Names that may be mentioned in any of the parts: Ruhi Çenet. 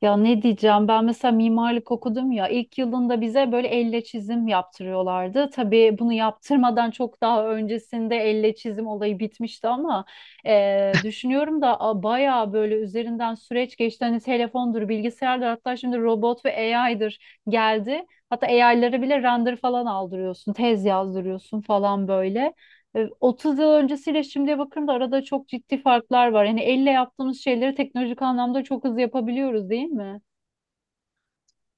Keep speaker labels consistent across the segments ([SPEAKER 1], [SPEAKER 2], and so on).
[SPEAKER 1] Ya ne diyeceğim ben mesela mimarlık okudum ya ilk yılında bize böyle elle çizim yaptırıyorlardı. Tabii bunu yaptırmadan çok daha öncesinde elle çizim olayı bitmişti ama düşünüyorum da bayağı böyle üzerinden süreç geçti. Hani telefondur, bilgisayardır, hatta şimdi robot ve AI'dır geldi. Hatta AI'lara bile render falan aldırıyorsun, tez yazdırıyorsun falan böyle. 30 yıl öncesiyle şimdiye bakıyorum da arada çok ciddi farklar var. Yani elle yaptığımız şeyleri teknolojik anlamda çok hızlı yapabiliyoruz, değil mi?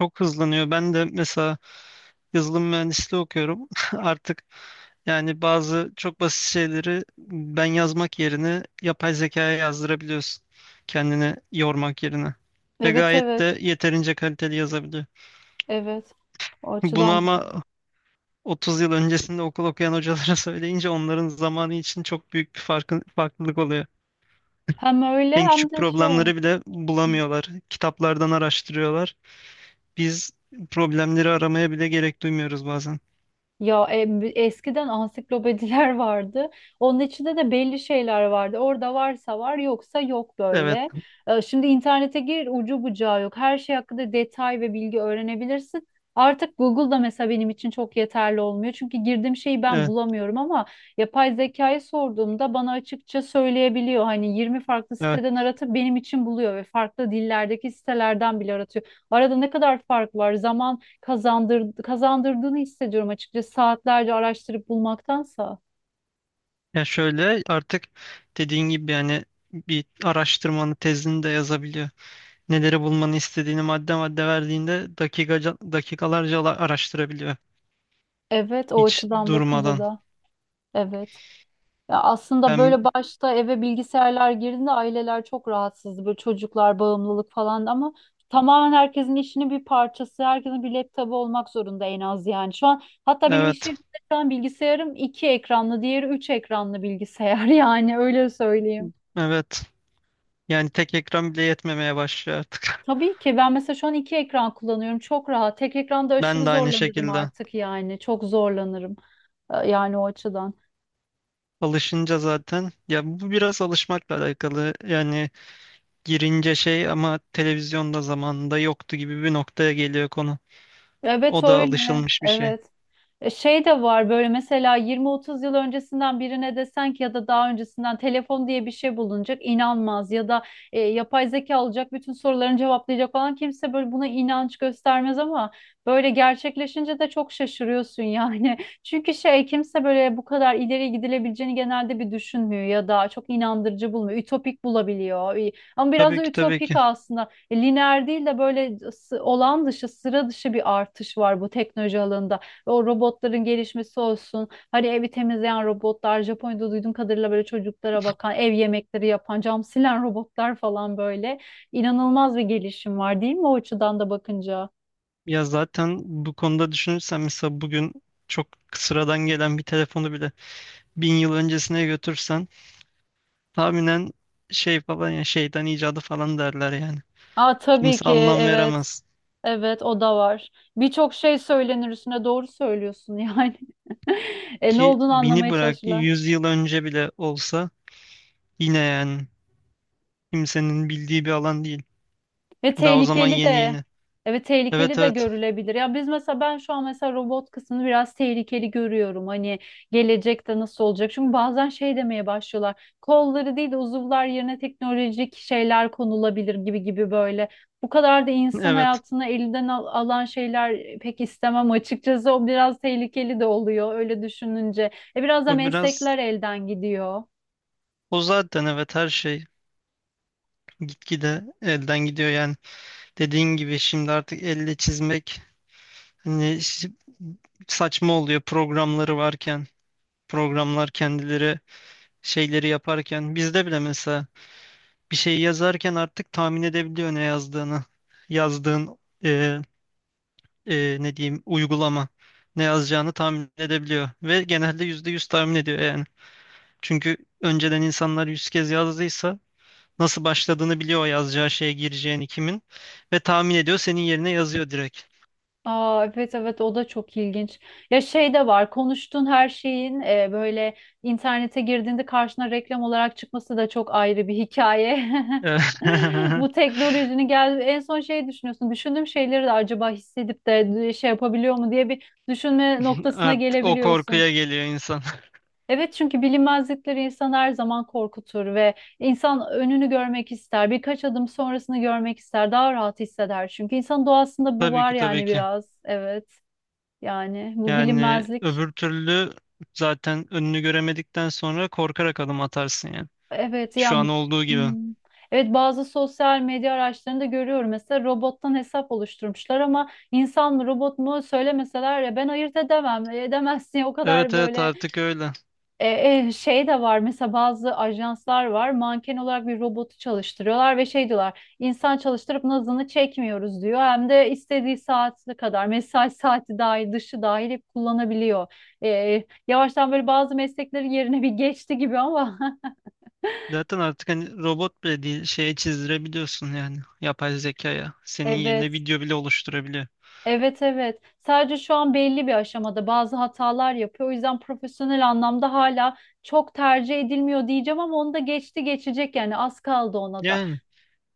[SPEAKER 2] Çok hızlanıyor. Ben de mesela yazılım mühendisliği okuyorum. Artık yani bazı çok basit şeyleri ben yazmak yerine yapay zekaya yazdırabiliyorsun. Kendini yormak yerine. Ve
[SPEAKER 1] Evet,
[SPEAKER 2] gayet
[SPEAKER 1] evet,
[SPEAKER 2] de yeterince kaliteli yazabiliyor.
[SPEAKER 1] evet. O
[SPEAKER 2] Bunu
[SPEAKER 1] açıdan
[SPEAKER 2] ama 30 yıl öncesinde okul okuyan hocalara söyleyince onların zamanı için çok büyük bir farklılık oluyor.
[SPEAKER 1] hem öyle
[SPEAKER 2] En
[SPEAKER 1] hem
[SPEAKER 2] küçük
[SPEAKER 1] de şey.
[SPEAKER 2] problemleri bile bulamıyorlar. Kitaplardan araştırıyorlar. Biz problemleri aramaya bile gerek duymuyoruz bazen.
[SPEAKER 1] Ya eskiden ansiklopediler vardı. Onun içinde de belli şeyler vardı. Orada varsa var, yoksa yok
[SPEAKER 2] Evet.
[SPEAKER 1] böyle. Şimdi internete gir, ucu bucağı yok. Her şey hakkında detay ve bilgi öğrenebilirsin. Artık Google'da mesela benim için çok yeterli olmuyor. Çünkü girdiğim şeyi ben
[SPEAKER 2] e,
[SPEAKER 1] bulamıyorum ama yapay zekayı sorduğumda bana açıkça söyleyebiliyor. Hani 20 farklı
[SPEAKER 2] Evet.
[SPEAKER 1] siteden aratıp benim için buluyor ve farklı dillerdeki sitelerden bile aratıyor. Arada ne kadar fark var? Kazandırdığını hissediyorum açıkçası, saatlerce araştırıp bulmaktansa.
[SPEAKER 2] Ya şöyle artık dediğin gibi yani bir araştırmanı tezini de yazabiliyor. Neleri bulmanı istediğini madde madde verdiğinde dakikalarca araştırabiliyor.
[SPEAKER 1] Evet, o
[SPEAKER 2] Hiç
[SPEAKER 1] açıdan bakınca
[SPEAKER 2] durmadan.
[SPEAKER 1] da evet. Ya aslında
[SPEAKER 2] Ben
[SPEAKER 1] böyle başta eve bilgisayarlar girdiğinde aileler çok rahatsızdı. Böyle çocuklar bağımlılık falan ama tamamen herkesin işinin bir parçası. Herkesin bir laptopu olmak zorunda en az yani. Şu an hatta benim iş
[SPEAKER 2] evet
[SPEAKER 1] yerimde şu an bilgisayarım iki ekranlı, diğeri üç ekranlı bilgisayar yani öyle söyleyeyim.
[SPEAKER 2] evet, yani tek ekran bile yetmemeye başlıyor artık.
[SPEAKER 1] Tabii ki ben mesela şu an iki ekran kullanıyorum. Çok rahat. Tek ekranda
[SPEAKER 2] Ben
[SPEAKER 1] aşırı
[SPEAKER 2] de aynı
[SPEAKER 1] zorlanırım
[SPEAKER 2] şekilde.
[SPEAKER 1] artık yani. Çok zorlanırım. Yani o açıdan.
[SPEAKER 2] Alışınca zaten ya bu biraz alışmakla alakalı. Yani girince şey ama televizyonda zamanında yoktu gibi bir noktaya geliyor konu.
[SPEAKER 1] Evet
[SPEAKER 2] O da
[SPEAKER 1] öyle.
[SPEAKER 2] alışılmış bir şey.
[SPEAKER 1] Evet. Şey de var, böyle mesela 20-30 yıl öncesinden birine desen ki ya da daha öncesinden telefon diye bir şey bulunacak, inanmaz, ya da yapay zeka olacak bütün sorularını cevaplayacak falan, kimse böyle buna inanç göstermez ama böyle gerçekleşince de çok şaşırıyorsun yani. Çünkü şey, kimse böyle bu kadar ileri gidilebileceğini genelde bir düşünmüyor ya da çok inandırıcı bulmuyor. Ütopik bulabiliyor. Ama biraz
[SPEAKER 2] Tabii
[SPEAKER 1] da
[SPEAKER 2] ki tabii
[SPEAKER 1] ütopik
[SPEAKER 2] ki.
[SPEAKER 1] aslında. Lineer değil de böyle olağan dışı, sıra dışı bir artış var bu teknoloji alanında. O robotların gelişmesi olsun. Hani evi temizleyen robotlar, Japonya'da duyduğum kadarıyla böyle çocuklara bakan, ev yemekleri yapan, cam silen robotlar falan böyle. İnanılmaz bir gelişim var değil mi o açıdan da bakınca?
[SPEAKER 2] Ya zaten bu konuda düşünürsen mesela bugün çok sıradan gelen bir telefonu bile 1000 yıl öncesine götürsen tahminen şey falan ya şeytan icadı falan derler yani.
[SPEAKER 1] Aa, tabii
[SPEAKER 2] Kimse
[SPEAKER 1] ki
[SPEAKER 2] anlam
[SPEAKER 1] evet.
[SPEAKER 2] veremez,
[SPEAKER 1] Evet, o da var. Birçok şey söylenir üstüne, doğru söylüyorsun yani. Ne
[SPEAKER 2] ki
[SPEAKER 1] olduğunu
[SPEAKER 2] 1000'i
[SPEAKER 1] anlamaya
[SPEAKER 2] bırak
[SPEAKER 1] çalışırlar.
[SPEAKER 2] 100 yıl önce bile olsa yine yani kimsenin bildiği bir alan değil.
[SPEAKER 1] Ve
[SPEAKER 2] Daha o zaman
[SPEAKER 1] tehlikeli
[SPEAKER 2] yeni
[SPEAKER 1] de,
[SPEAKER 2] yeni.
[SPEAKER 1] evet,
[SPEAKER 2] Evet
[SPEAKER 1] tehlikeli de
[SPEAKER 2] evet
[SPEAKER 1] görülebilir. Ya biz mesela, ben şu an mesela robot kısmını biraz tehlikeli görüyorum. Hani gelecekte nasıl olacak? Çünkü bazen şey demeye başlıyorlar. Kolları değil de uzuvlar yerine teknolojik şeyler konulabilir gibi gibi böyle. Bu kadar da insan
[SPEAKER 2] evet,
[SPEAKER 1] hayatını elinden alan şeyler pek istemem açıkçası. O biraz tehlikeli de oluyor öyle düşününce. E biraz da
[SPEAKER 2] o biraz
[SPEAKER 1] meslekler elden gidiyor.
[SPEAKER 2] o zaten evet, her şey gitgide elden gidiyor yani. Dediğin gibi şimdi artık elle çizmek, hani, saçma oluyor programları varken. Programlar kendileri şeyleri yaparken. Bizde bile mesela bir şey yazarken artık tahmin edebiliyor ne yazdığını. Yazdığın e, ne diyeyim uygulama ne yazacağını tahmin edebiliyor. Ve genelde %100 tahmin ediyor yani. Çünkü önceden insanlar 100 kez yazdıysa nasıl başladığını biliyor o yazacağı şeye gireceğini kimin. Ve tahmin ediyor, senin yerine yazıyor direkt.
[SPEAKER 1] Aa, evet evet, o da çok ilginç. Ya şey de var, konuştuğun her şeyin böyle internete girdiğinde karşına reklam olarak çıkması da çok ayrı bir hikaye. Bu teknolojinin gel, en son şey düşünüyorsun. Düşündüğüm şeyleri de acaba hissedip de şey yapabiliyor mu diye bir düşünme noktasına
[SPEAKER 2] Artık o
[SPEAKER 1] gelebiliyorsun.
[SPEAKER 2] korkuya geliyor.
[SPEAKER 1] Evet, çünkü bilinmezlikleri insan her zaman korkutur ve insan önünü görmek ister. Birkaç adım sonrasını görmek ister. Daha rahat hisseder, çünkü insan doğasında bu
[SPEAKER 2] Tabii
[SPEAKER 1] var
[SPEAKER 2] ki tabii
[SPEAKER 1] yani
[SPEAKER 2] ki.
[SPEAKER 1] biraz. Evet. Yani bu
[SPEAKER 2] Yani
[SPEAKER 1] bilinmezlik.
[SPEAKER 2] öbür türlü zaten önünü göremedikten sonra korkarak adım atarsın yani.
[SPEAKER 1] Evet ya.
[SPEAKER 2] Şu an olduğu gibi.
[SPEAKER 1] Hmm. Evet, bazı sosyal medya araçlarında görüyorum mesela robottan hesap oluşturmuşlar ama insan mı robot mu söylemeseler ya ben ayırt edemem, edemezsin o kadar
[SPEAKER 2] Evet evet,
[SPEAKER 1] böyle.
[SPEAKER 2] artık öyle.
[SPEAKER 1] Şey de var mesela, bazı ajanslar var manken olarak bir robotu çalıştırıyorlar ve şey diyorlar, insan çalıştırıp nazını çekmiyoruz diyor, hem de istediği saati kadar mesai saati, dahil dışı dahil, hep kullanabiliyor. Yavaştan böyle bazı mesleklerin yerine bir geçti gibi ama
[SPEAKER 2] Zaten artık hani robot bile değil, şeye çizdirebiliyorsun yani, yapay zekaya. Senin yerine
[SPEAKER 1] evet
[SPEAKER 2] video bile oluşturabiliyor.
[SPEAKER 1] evet evet, sadece şu an belli bir aşamada bazı hatalar yapıyor, o yüzden profesyonel anlamda hala çok tercih edilmiyor diyeceğim ama onu da geçti geçecek yani, az kaldı ona da.
[SPEAKER 2] Yani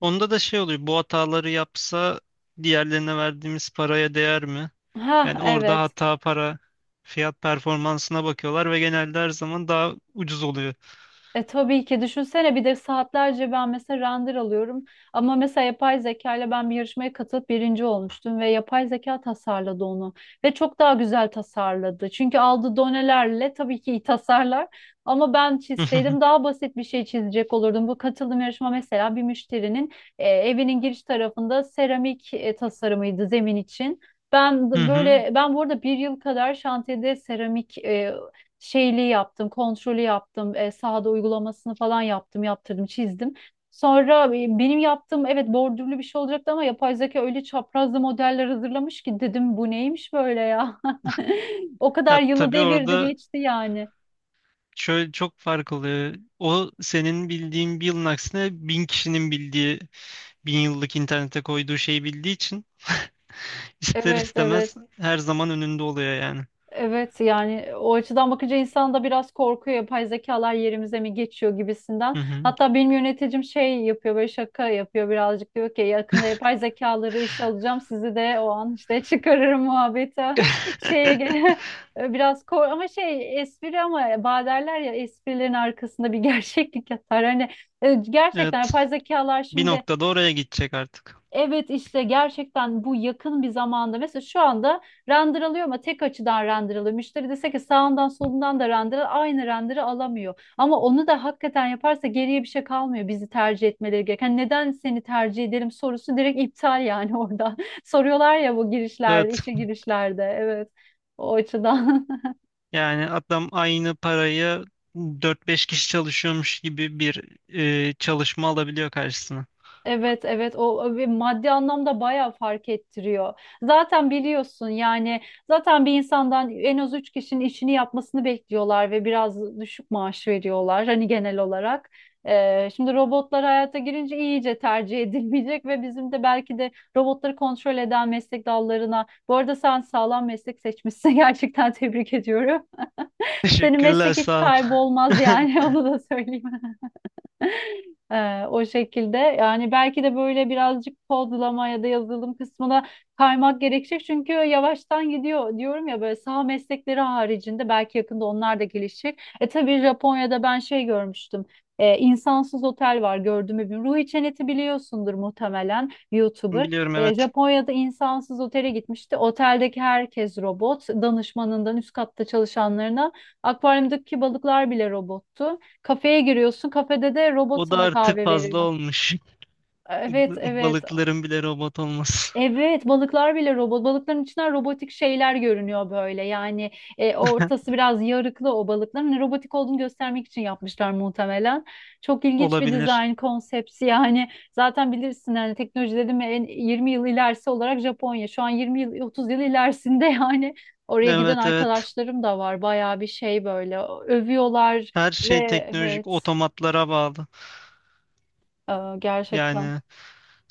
[SPEAKER 2] onda da şey oluyor, bu hataları yapsa diğerlerine verdiğimiz paraya değer mi?
[SPEAKER 1] Ha
[SPEAKER 2] Yani orada
[SPEAKER 1] evet.
[SPEAKER 2] para fiyat performansına bakıyorlar ve genelde her zaman daha ucuz oluyor.
[SPEAKER 1] E tabii ki, düşünsene, bir de saatlerce ben mesela render alıyorum ama mesela yapay zeka ile ben bir yarışmaya katılıp birinci olmuştum ve yapay zeka tasarladı onu ve çok daha güzel tasarladı. Çünkü aldığı donelerle tabii ki iyi tasarlar ama ben çizseydim daha basit bir şey çizecek olurdum. Bu katıldığım yarışma mesela bir müşterinin evinin giriş tarafında seramik tasarımıydı, zemin için. Ben
[SPEAKER 2] Hı
[SPEAKER 1] de
[SPEAKER 2] hı.
[SPEAKER 1] böyle, ben burada bir yıl kadar şantiyede seramik şeyliği yaptım, kontrolü yaptım, sahada uygulamasını falan yaptım, yaptırdım, çizdim. Sonra benim yaptığım, evet, bordürlü bir şey olacaktı ama yapay zeka öyle çaprazlı modeller hazırlamış ki, dedim bu neymiş böyle ya. O
[SPEAKER 2] Ya
[SPEAKER 1] kadar yılı
[SPEAKER 2] tabii
[SPEAKER 1] devirdi
[SPEAKER 2] orada
[SPEAKER 1] geçti yani.
[SPEAKER 2] şöyle çok fark oluyor. O senin bildiğin bir yılın aksine 1000 kişinin bildiği, 1000 yıllık internete koyduğu şeyi bildiği için ister
[SPEAKER 1] Evet evet.
[SPEAKER 2] istemez her zaman önünde oluyor yani.
[SPEAKER 1] Evet yani, o açıdan bakınca insan da biraz korkuyor, yapay zekalar yerimize mi geçiyor
[SPEAKER 2] Hı
[SPEAKER 1] gibisinden.
[SPEAKER 2] hı.
[SPEAKER 1] Hatta benim yöneticim şey yapıyor, böyle şaka yapıyor birazcık, diyor ki yakında yapay zekaları işe alacağım, sizi de o an işte çıkarırım muhabbete şeye ge- biraz kor, ama şey, espri ama baderler ya, esprilerin arkasında bir gerçeklik yatar. Hani gerçekten
[SPEAKER 2] Evet.
[SPEAKER 1] yapay zekalar
[SPEAKER 2] Bir
[SPEAKER 1] şimdi,
[SPEAKER 2] noktada oraya gidecek artık.
[SPEAKER 1] evet, işte gerçekten bu yakın bir zamanda mesela şu anda render alıyor ama tek açıdan render alıyor. Müşteri dese ki sağından solundan da render al, aynı render'ı alamıyor. Ama onu da hakikaten yaparsa geriye bir şey kalmıyor bizi tercih etmeleri gereken. Hani neden seni tercih ederim sorusu direkt iptal yani orada. Soruyorlar ya bu girişlerde,
[SPEAKER 2] Evet.
[SPEAKER 1] işe girişlerde. Evet. O açıdan.
[SPEAKER 2] Yani adam aynı parayı 4 5 kişi çalışıyormuş gibi bir çalışma alabiliyor karşısına.
[SPEAKER 1] Evet evet, o bir maddi anlamda bayağı fark ettiriyor. Zaten biliyorsun yani, zaten bir insandan en az üç kişinin işini yapmasını bekliyorlar ve biraz düşük maaş veriyorlar hani genel olarak. Şimdi robotlar hayata girince iyice tercih edilmeyecek ve bizim de belki de robotları kontrol eden meslek dallarına. Bu arada sen sağlam meslek seçmişsin gerçekten, tebrik ediyorum. Senin
[SPEAKER 2] Teşekkürler,
[SPEAKER 1] meslek hiç
[SPEAKER 2] sağ ol.
[SPEAKER 1] kaybolmaz yani onu da söyleyeyim. O şekilde yani, belki de böyle birazcık kodlama ya da yazılım kısmına kaymak gerekecek, çünkü yavaştan gidiyor diyorum ya, böyle saha meslekleri haricinde belki yakında onlar da gelişecek. E tabii Japonya'da ben şey görmüştüm. İnsansız otel var, gördüm bir Ruhi Çenet'i biliyorsundur muhtemelen, YouTuber.
[SPEAKER 2] Biliyorum, evet.
[SPEAKER 1] Japonya'da insansız otele gitmişti. Oteldeki herkes robot. Danışmanından üst katta çalışanlarına. Akvaryumdaki balıklar bile robottu. Kafeye giriyorsun. Kafede de
[SPEAKER 2] O
[SPEAKER 1] robot
[SPEAKER 2] da
[SPEAKER 1] sana
[SPEAKER 2] artık
[SPEAKER 1] kahve
[SPEAKER 2] fazla
[SPEAKER 1] veriyor.
[SPEAKER 2] olmuş.
[SPEAKER 1] Evet, evet.
[SPEAKER 2] Balıkların bile robot olması.
[SPEAKER 1] Evet, balıklar bile robot. Balıkların içinden robotik şeyler görünüyor böyle. Yani ortası biraz yarıklı o balıkların. Hani robotik olduğunu göstermek için yapmışlar muhtemelen. Çok ilginç bir
[SPEAKER 2] Olabilir.
[SPEAKER 1] dizayn konsepti. Yani zaten bilirsin yani, teknoloji dedim ya, en 20 yıl ilerisi olarak Japonya. Şu an 20 yıl, 30 yıl ilerisinde yani. Oraya giden
[SPEAKER 2] Evet evet.
[SPEAKER 1] arkadaşlarım da var. Bayağı bir şey böyle. Övüyorlar
[SPEAKER 2] Her
[SPEAKER 1] ve
[SPEAKER 2] şey teknolojik
[SPEAKER 1] evet,
[SPEAKER 2] otomatlara bağlı.
[SPEAKER 1] e, gerçekten.
[SPEAKER 2] Yani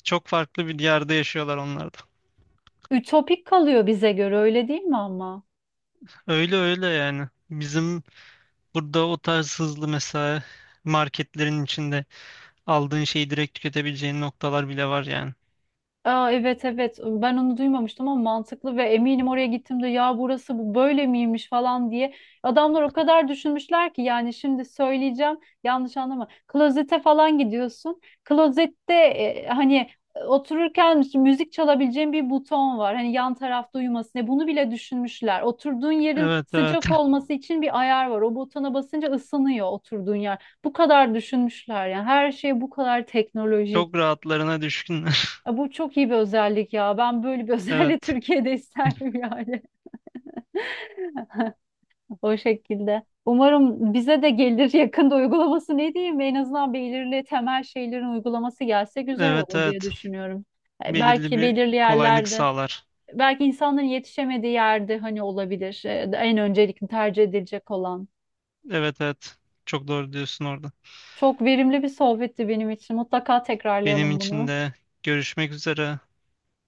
[SPEAKER 2] çok farklı bir yerde yaşıyorlar onlar da.
[SPEAKER 1] Ütopik kalıyor bize göre, öyle değil mi ama?
[SPEAKER 2] Öyle öyle yani. Bizim burada o tarz hızlı mesela marketlerin içinde aldığın şeyi direkt tüketebileceğin noktalar bile var yani.
[SPEAKER 1] Aa, evet evet, ben onu duymamıştım ama mantıklı, ve eminim oraya gittiğimde ya burası bu böyle miymiş falan diye, adamlar o kadar düşünmüşler ki yani, şimdi söyleyeceğim yanlış anlama, klozete falan gidiyorsun, klozette hani otururken işte müzik çalabileceğin bir buton var, hani yan tarafta, uyumasın diye bunu bile düşünmüşler, oturduğun yerin
[SPEAKER 2] Evet evet.
[SPEAKER 1] sıcak olması için bir ayar var, o butona basınca ısınıyor oturduğun yer, bu kadar düşünmüşler yani, her şey bu kadar teknolojik.
[SPEAKER 2] Çok rahatlarına düşkünler.
[SPEAKER 1] Bu çok iyi bir özellik ya. Ben böyle bir özelliği
[SPEAKER 2] Evet.
[SPEAKER 1] Türkiye'de isterdim yani. O şekilde. Umarım bize de gelir yakında, uygulaması ne diyeyim? En azından belirli temel şeylerin uygulaması gelse güzel
[SPEAKER 2] Evet
[SPEAKER 1] olur diye
[SPEAKER 2] evet.
[SPEAKER 1] düşünüyorum.
[SPEAKER 2] Belirli
[SPEAKER 1] Belki
[SPEAKER 2] bir
[SPEAKER 1] belirli
[SPEAKER 2] kolaylık
[SPEAKER 1] yerlerde,
[SPEAKER 2] sağlar.
[SPEAKER 1] belki insanların yetişemediği yerde hani, olabilir. En öncelikli tercih edilecek olan.
[SPEAKER 2] Evet evet. Çok doğru diyorsun orada.
[SPEAKER 1] Çok verimli bir sohbetti benim için. Mutlaka
[SPEAKER 2] Benim
[SPEAKER 1] tekrarlayalım
[SPEAKER 2] için
[SPEAKER 1] bunu.
[SPEAKER 2] de görüşmek üzere.